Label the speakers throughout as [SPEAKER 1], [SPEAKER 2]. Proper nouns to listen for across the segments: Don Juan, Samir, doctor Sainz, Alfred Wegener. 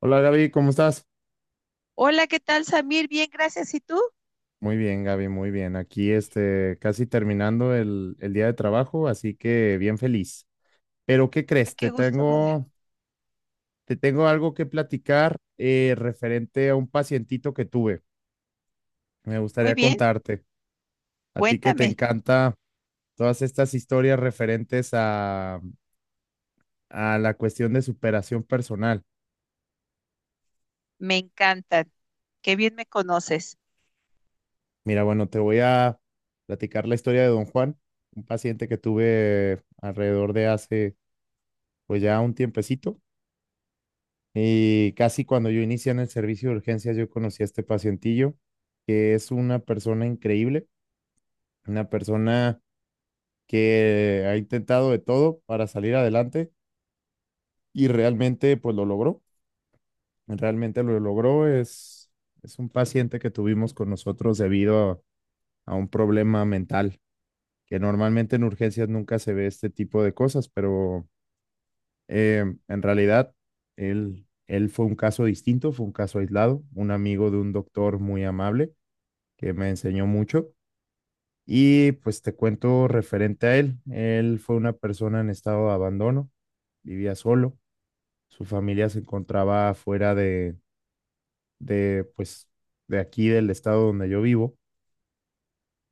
[SPEAKER 1] Hola Gaby, ¿cómo estás?
[SPEAKER 2] Hola, ¿qué tal, Samir? Bien, gracias. ¿Y tú?
[SPEAKER 1] Muy bien, Gaby, muy bien. Aquí casi terminando el día de trabajo, así que bien feliz. Pero ¿qué
[SPEAKER 2] Ah,
[SPEAKER 1] crees?
[SPEAKER 2] qué gusto me da.
[SPEAKER 1] Te tengo algo que platicar referente a un pacientito que tuve. Me
[SPEAKER 2] Muy
[SPEAKER 1] gustaría
[SPEAKER 2] bien,
[SPEAKER 1] contarte. A ti que te
[SPEAKER 2] cuéntame.
[SPEAKER 1] encanta todas estas historias a la cuestión de superación personal.
[SPEAKER 2] Me encantan. Qué bien me conoces.
[SPEAKER 1] Mira, bueno, te voy a platicar la historia de Don Juan, un paciente que tuve alrededor de hace pues ya un tiempecito. Y casi cuando yo inicié en el servicio de urgencias, yo conocí a este pacientillo, que es una persona increíble, una persona que ha intentado de todo para salir adelante y realmente pues lo logró, realmente lo logró. Es un paciente que tuvimos con nosotros a un problema mental, que normalmente en urgencias nunca se ve este tipo de cosas, pero en realidad él fue un caso distinto, fue un caso aislado, un amigo de un doctor muy amable que me enseñó mucho. Y pues te cuento referente a él. Él fue una persona en estado de abandono, vivía solo, su familia se encontraba fuera de, pues, de aquí, del estado donde yo vivo.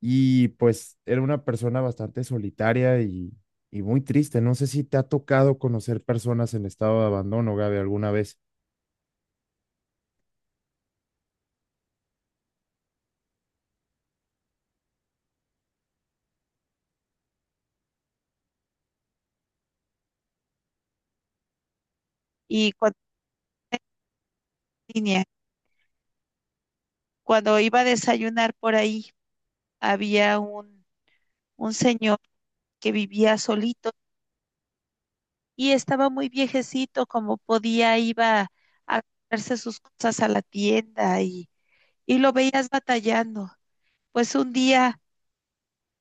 [SPEAKER 1] Y pues era una persona bastante solitaria y muy triste. No sé si te ha tocado conocer personas en estado de abandono, Gaby, alguna vez.
[SPEAKER 2] Y cuando niña, cuando iba a desayunar por ahí, había un señor que vivía solito y estaba muy viejecito, como podía, iba a comprarse sus cosas a la tienda y lo veías batallando. Pues un día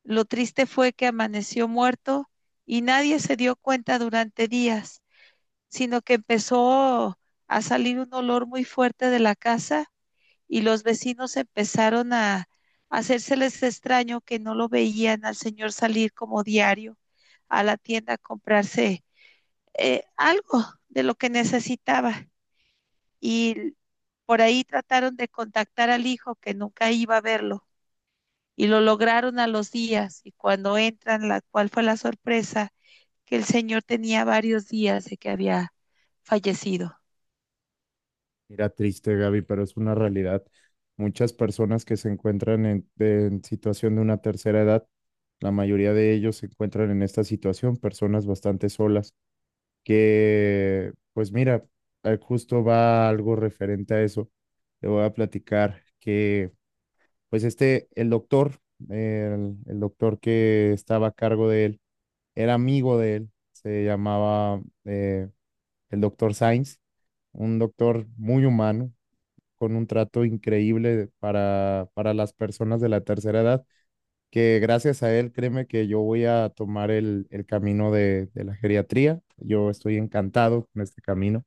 [SPEAKER 2] lo triste fue que amaneció muerto y nadie se dio cuenta durante días, sino que empezó a salir un olor muy fuerte de la casa y los vecinos empezaron a hacérseles extraño que no lo veían al señor salir como diario a la tienda a comprarse algo de lo que necesitaba. Y por ahí trataron de contactar al hijo que nunca iba a verlo y lo lograron a los días y cuando entran, la cual fue la sorpresa que el señor tenía varios días de que había fallecido.
[SPEAKER 1] Mira, triste, Gaby, pero es una realidad. Muchas personas que se encuentran en situación de una tercera edad, la mayoría de ellos se encuentran en esta situación, personas bastante solas, que, pues mira, justo va algo referente a eso. Te voy a platicar que, pues este, el doctor, el doctor que estaba a cargo de él, era amigo de él, se llamaba el doctor Sainz, un doctor muy humano con un trato increíble para las personas de la tercera edad, que gracias a él, créeme que yo voy a tomar el camino de la geriatría. Yo estoy encantado con este camino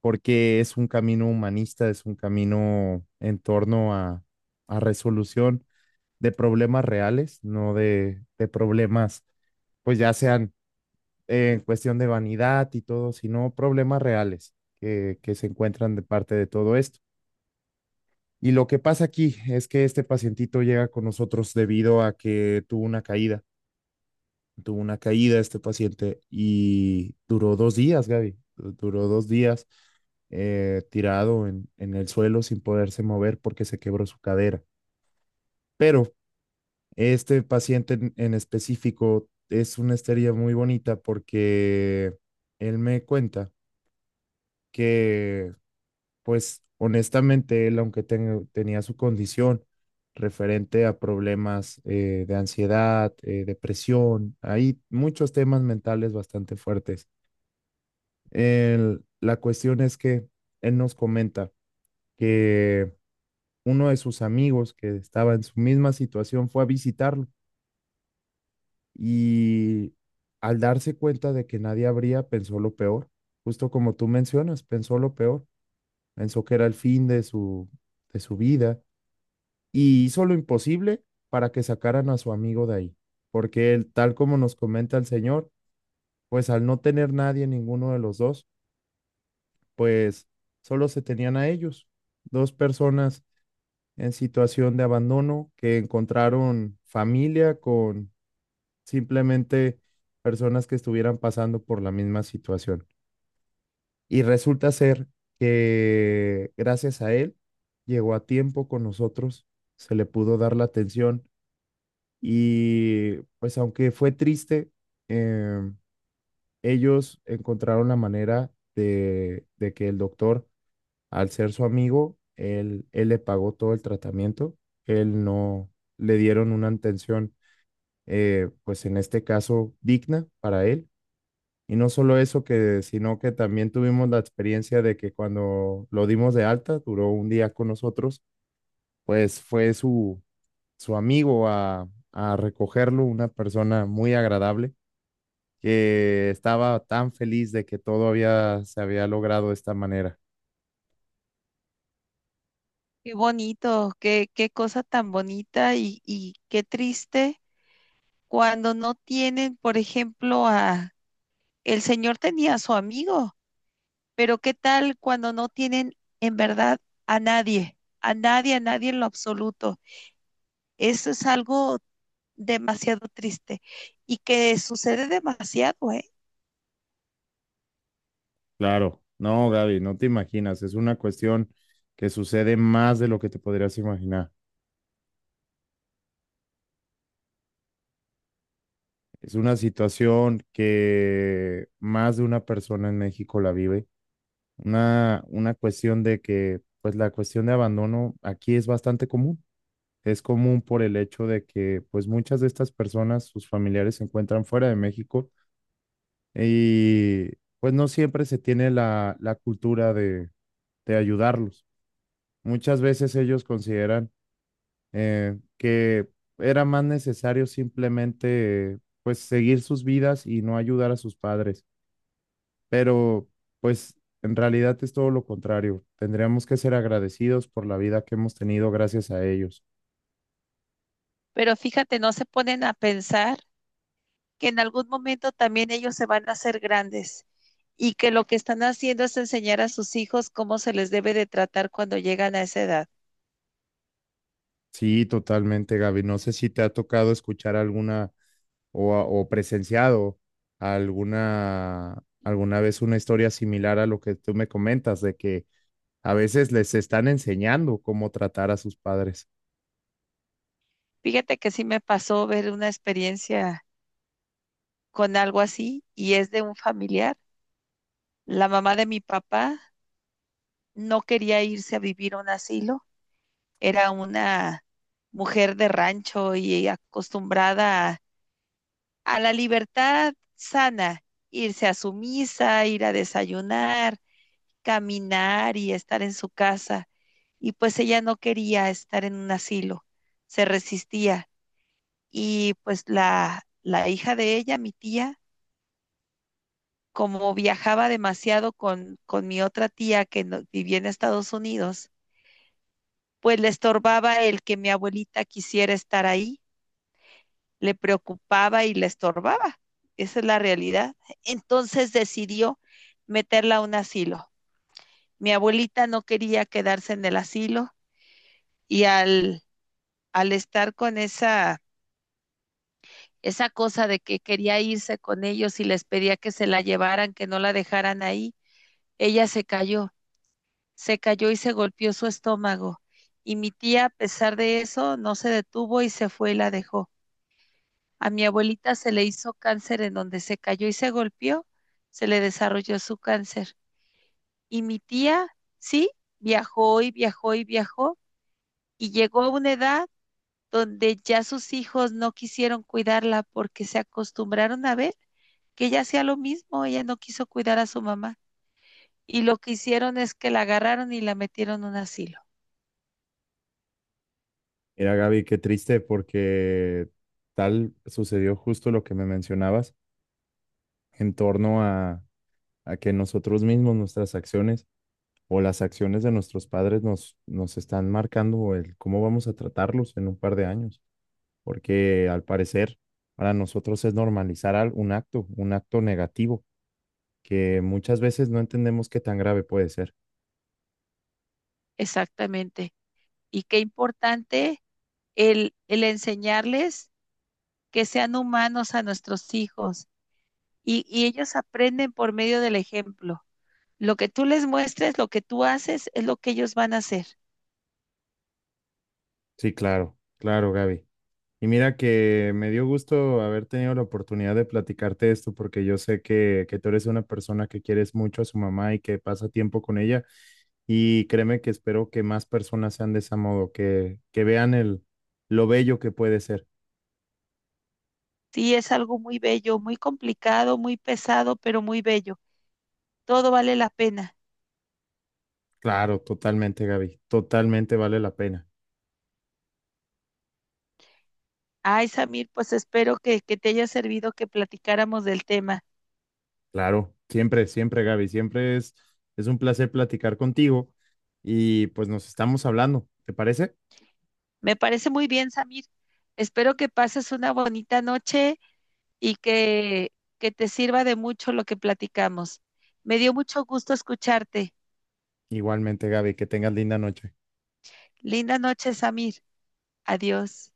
[SPEAKER 1] porque es un camino humanista, es un camino a resolución de problemas reales, no de, de problemas, pues ya sean en cuestión de vanidad y todo, sino problemas reales que se encuentran de parte de todo esto. Y lo que pasa aquí es que este pacientito llega con nosotros debido a que tuvo una caída este paciente y duró dos días, Gaby, duró dos días tirado en el suelo sin poderse mover porque se quebró su cadera. Pero este paciente en específico es una historia muy bonita porque él me cuenta que pues honestamente, él, aunque tenía su condición referente a problemas de ansiedad, depresión, hay muchos temas mentales bastante fuertes. La cuestión es que él nos comenta que uno de sus amigos que estaba en su misma situación fue a visitarlo y al darse cuenta de que nadie abría, pensó lo peor, justo como tú mencionas, pensó lo peor, pensó que era el fin de de su vida y hizo lo imposible para que sacaran a su amigo de ahí, porque él, tal como nos comenta el Señor, pues al no tener nadie, ninguno de los dos, pues solo se tenían a ellos, dos personas en situación de abandono que encontraron familia con simplemente personas que estuvieran pasando por la misma situación. Y resulta ser que gracias a él llegó a tiempo con nosotros, se le pudo dar la atención. Y pues aunque fue triste, em, ellos encontraron la manera de que el doctor, al ser su amigo, él le pagó todo el tratamiento, él no le dieron una atención, pues en este caso, digna para él. Y no solo eso, que, sino que también tuvimos la experiencia de que cuando lo dimos de alta, duró un día con nosotros, pues fue su amigo a recogerlo, una persona muy agradable que estaba tan feliz de que todo había, se había logrado de esta manera.
[SPEAKER 2] Qué bonito, qué, qué cosa tan bonita y qué triste cuando no tienen, por ejemplo, a, el señor tenía a su amigo, pero qué tal cuando no tienen en verdad a nadie, a nadie, a nadie en lo absoluto. Eso es algo demasiado triste y que sucede demasiado, ¿eh?
[SPEAKER 1] Claro, no, Gaby, no te imaginas, es una cuestión que sucede más de lo que te podrías imaginar. Es una situación que más de una persona en México la vive. Una cuestión de que, pues la cuestión de abandono aquí es bastante común. Es común por el hecho de que, pues muchas de estas personas, sus familiares se encuentran fuera de México. Y pues no siempre se tiene la cultura de ayudarlos. Muchas veces ellos consideran que era más necesario simplemente pues seguir sus vidas y no ayudar a sus padres. Pero pues en realidad es todo lo contrario. Tendríamos que ser agradecidos por la vida que hemos tenido gracias a ellos.
[SPEAKER 2] Pero fíjate, no se ponen a pensar que en algún momento también ellos se van a hacer grandes y que lo que están haciendo es enseñar a sus hijos cómo se les debe de tratar cuando llegan a esa edad.
[SPEAKER 1] Sí, totalmente, Gaby. No sé si te ha tocado escuchar alguna o presenciado alguna vez una historia similar a lo que tú me comentas, de que a veces les están enseñando cómo tratar a sus padres.
[SPEAKER 2] Fíjate que sí me pasó ver una experiencia con algo así y es de un familiar. La mamá de mi papá no quería irse a vivir a un asilo, era una mujer de rancho y acostumbrada a la libertad sana, irse a su misa, ir a desayunar, caminar y estar en su casa. Y pues ella no quería estar en un asilo, se resistía. Y pues la hija de ella, mi tía, como viajaba demasiado con mi otra tía que vivía en Estados Unidos, pues le estorbaba el que mi abuelita quisiera estar ahí, le preocupaba y le estorbaba. Esa es la realidad. Entonces decidió meterla a un asilo. Mi abuelita no quería quedarse en el asilo y al estar con esa, esa cosa de que quería irse con ellos y les pedía que se la llevaran, que no la dejaran ahí, ella se cayó y se golpeó su estómago. Y mi tía, a pesar de eso, no se detuvo y se fue y la dejó. A mi abuelita se le hizo cáncer en donde se cayó y se golpeó, se le desarrolló su cáncer. Y mi tía, sí, viajó y viajó y viajó y llegó a una edad donde ya sus hijos no quisieron cuidarla porque se acostumbraron a ver que ella hacía lo mismo, ella no quiso cuidar a su mamá. Y lo que hicieron es que la agarraron y la metieron en un asilo.
[SPEAKER 1] Mira, Gaby, qué triste porque tal sucedió justo lo que me mencionabas en torno a, a que nosotros mismos, nuestras acciones o las acciones de nuestros padres nos están marcando el cómo vamos a tratarlos en un par de años, porque al parecer para nosotros es normalizar un acto negativo, que muchas veces no entendemos qué tan grave puede ser.
[SPEAKER 2] Exactamente. Y qué importante el enseñarles que sean humanos a nuestros hijos. Y ellos aprenden por medio del ejemplo. Lo que tú les muestres, lo que tú haces, es lo que ellos van a hacer.
[SPEAKER 1] Sí, claro, claro, Gaby. Y mira que me dio gusto haber tenido la oportunidad de platicarte esto, porque yo sé que tú eres una persona que quieres mucho a su mamá y que pasa tiempo con ella. Y créeme que espero que más personas sean de ese modo, que vean el, lo bello que puede ser.
[SPEAKER 2] Sí, es algo muy bello, muy complicado, muy pesado, pero muy bello, todo vale la pena.
[SPEAKER 1] Claro, totalmente, Gaby. Totalmente vale la pena.
[SPEAKER 2] Ay, Samir, pues espero que te haya servido que platicáramos del tema.
[SPEAKER 1] Claro, siempre, siempre, Gaby, siempre es un placer platicar contigo y pues nos estamos hablando, ¿te parece?
[SPEAKER 2] Me parece muy bien, Samir. Espero que pases una bonita noche y que te sirva de mucho lo que platicamos. Me dio mucho gusto escucharte.
[SPEAKER 1] Igualmente, Gaby, que tengas linda noche.
[SPEAKER 2] Linda noche, Samir. Adiós.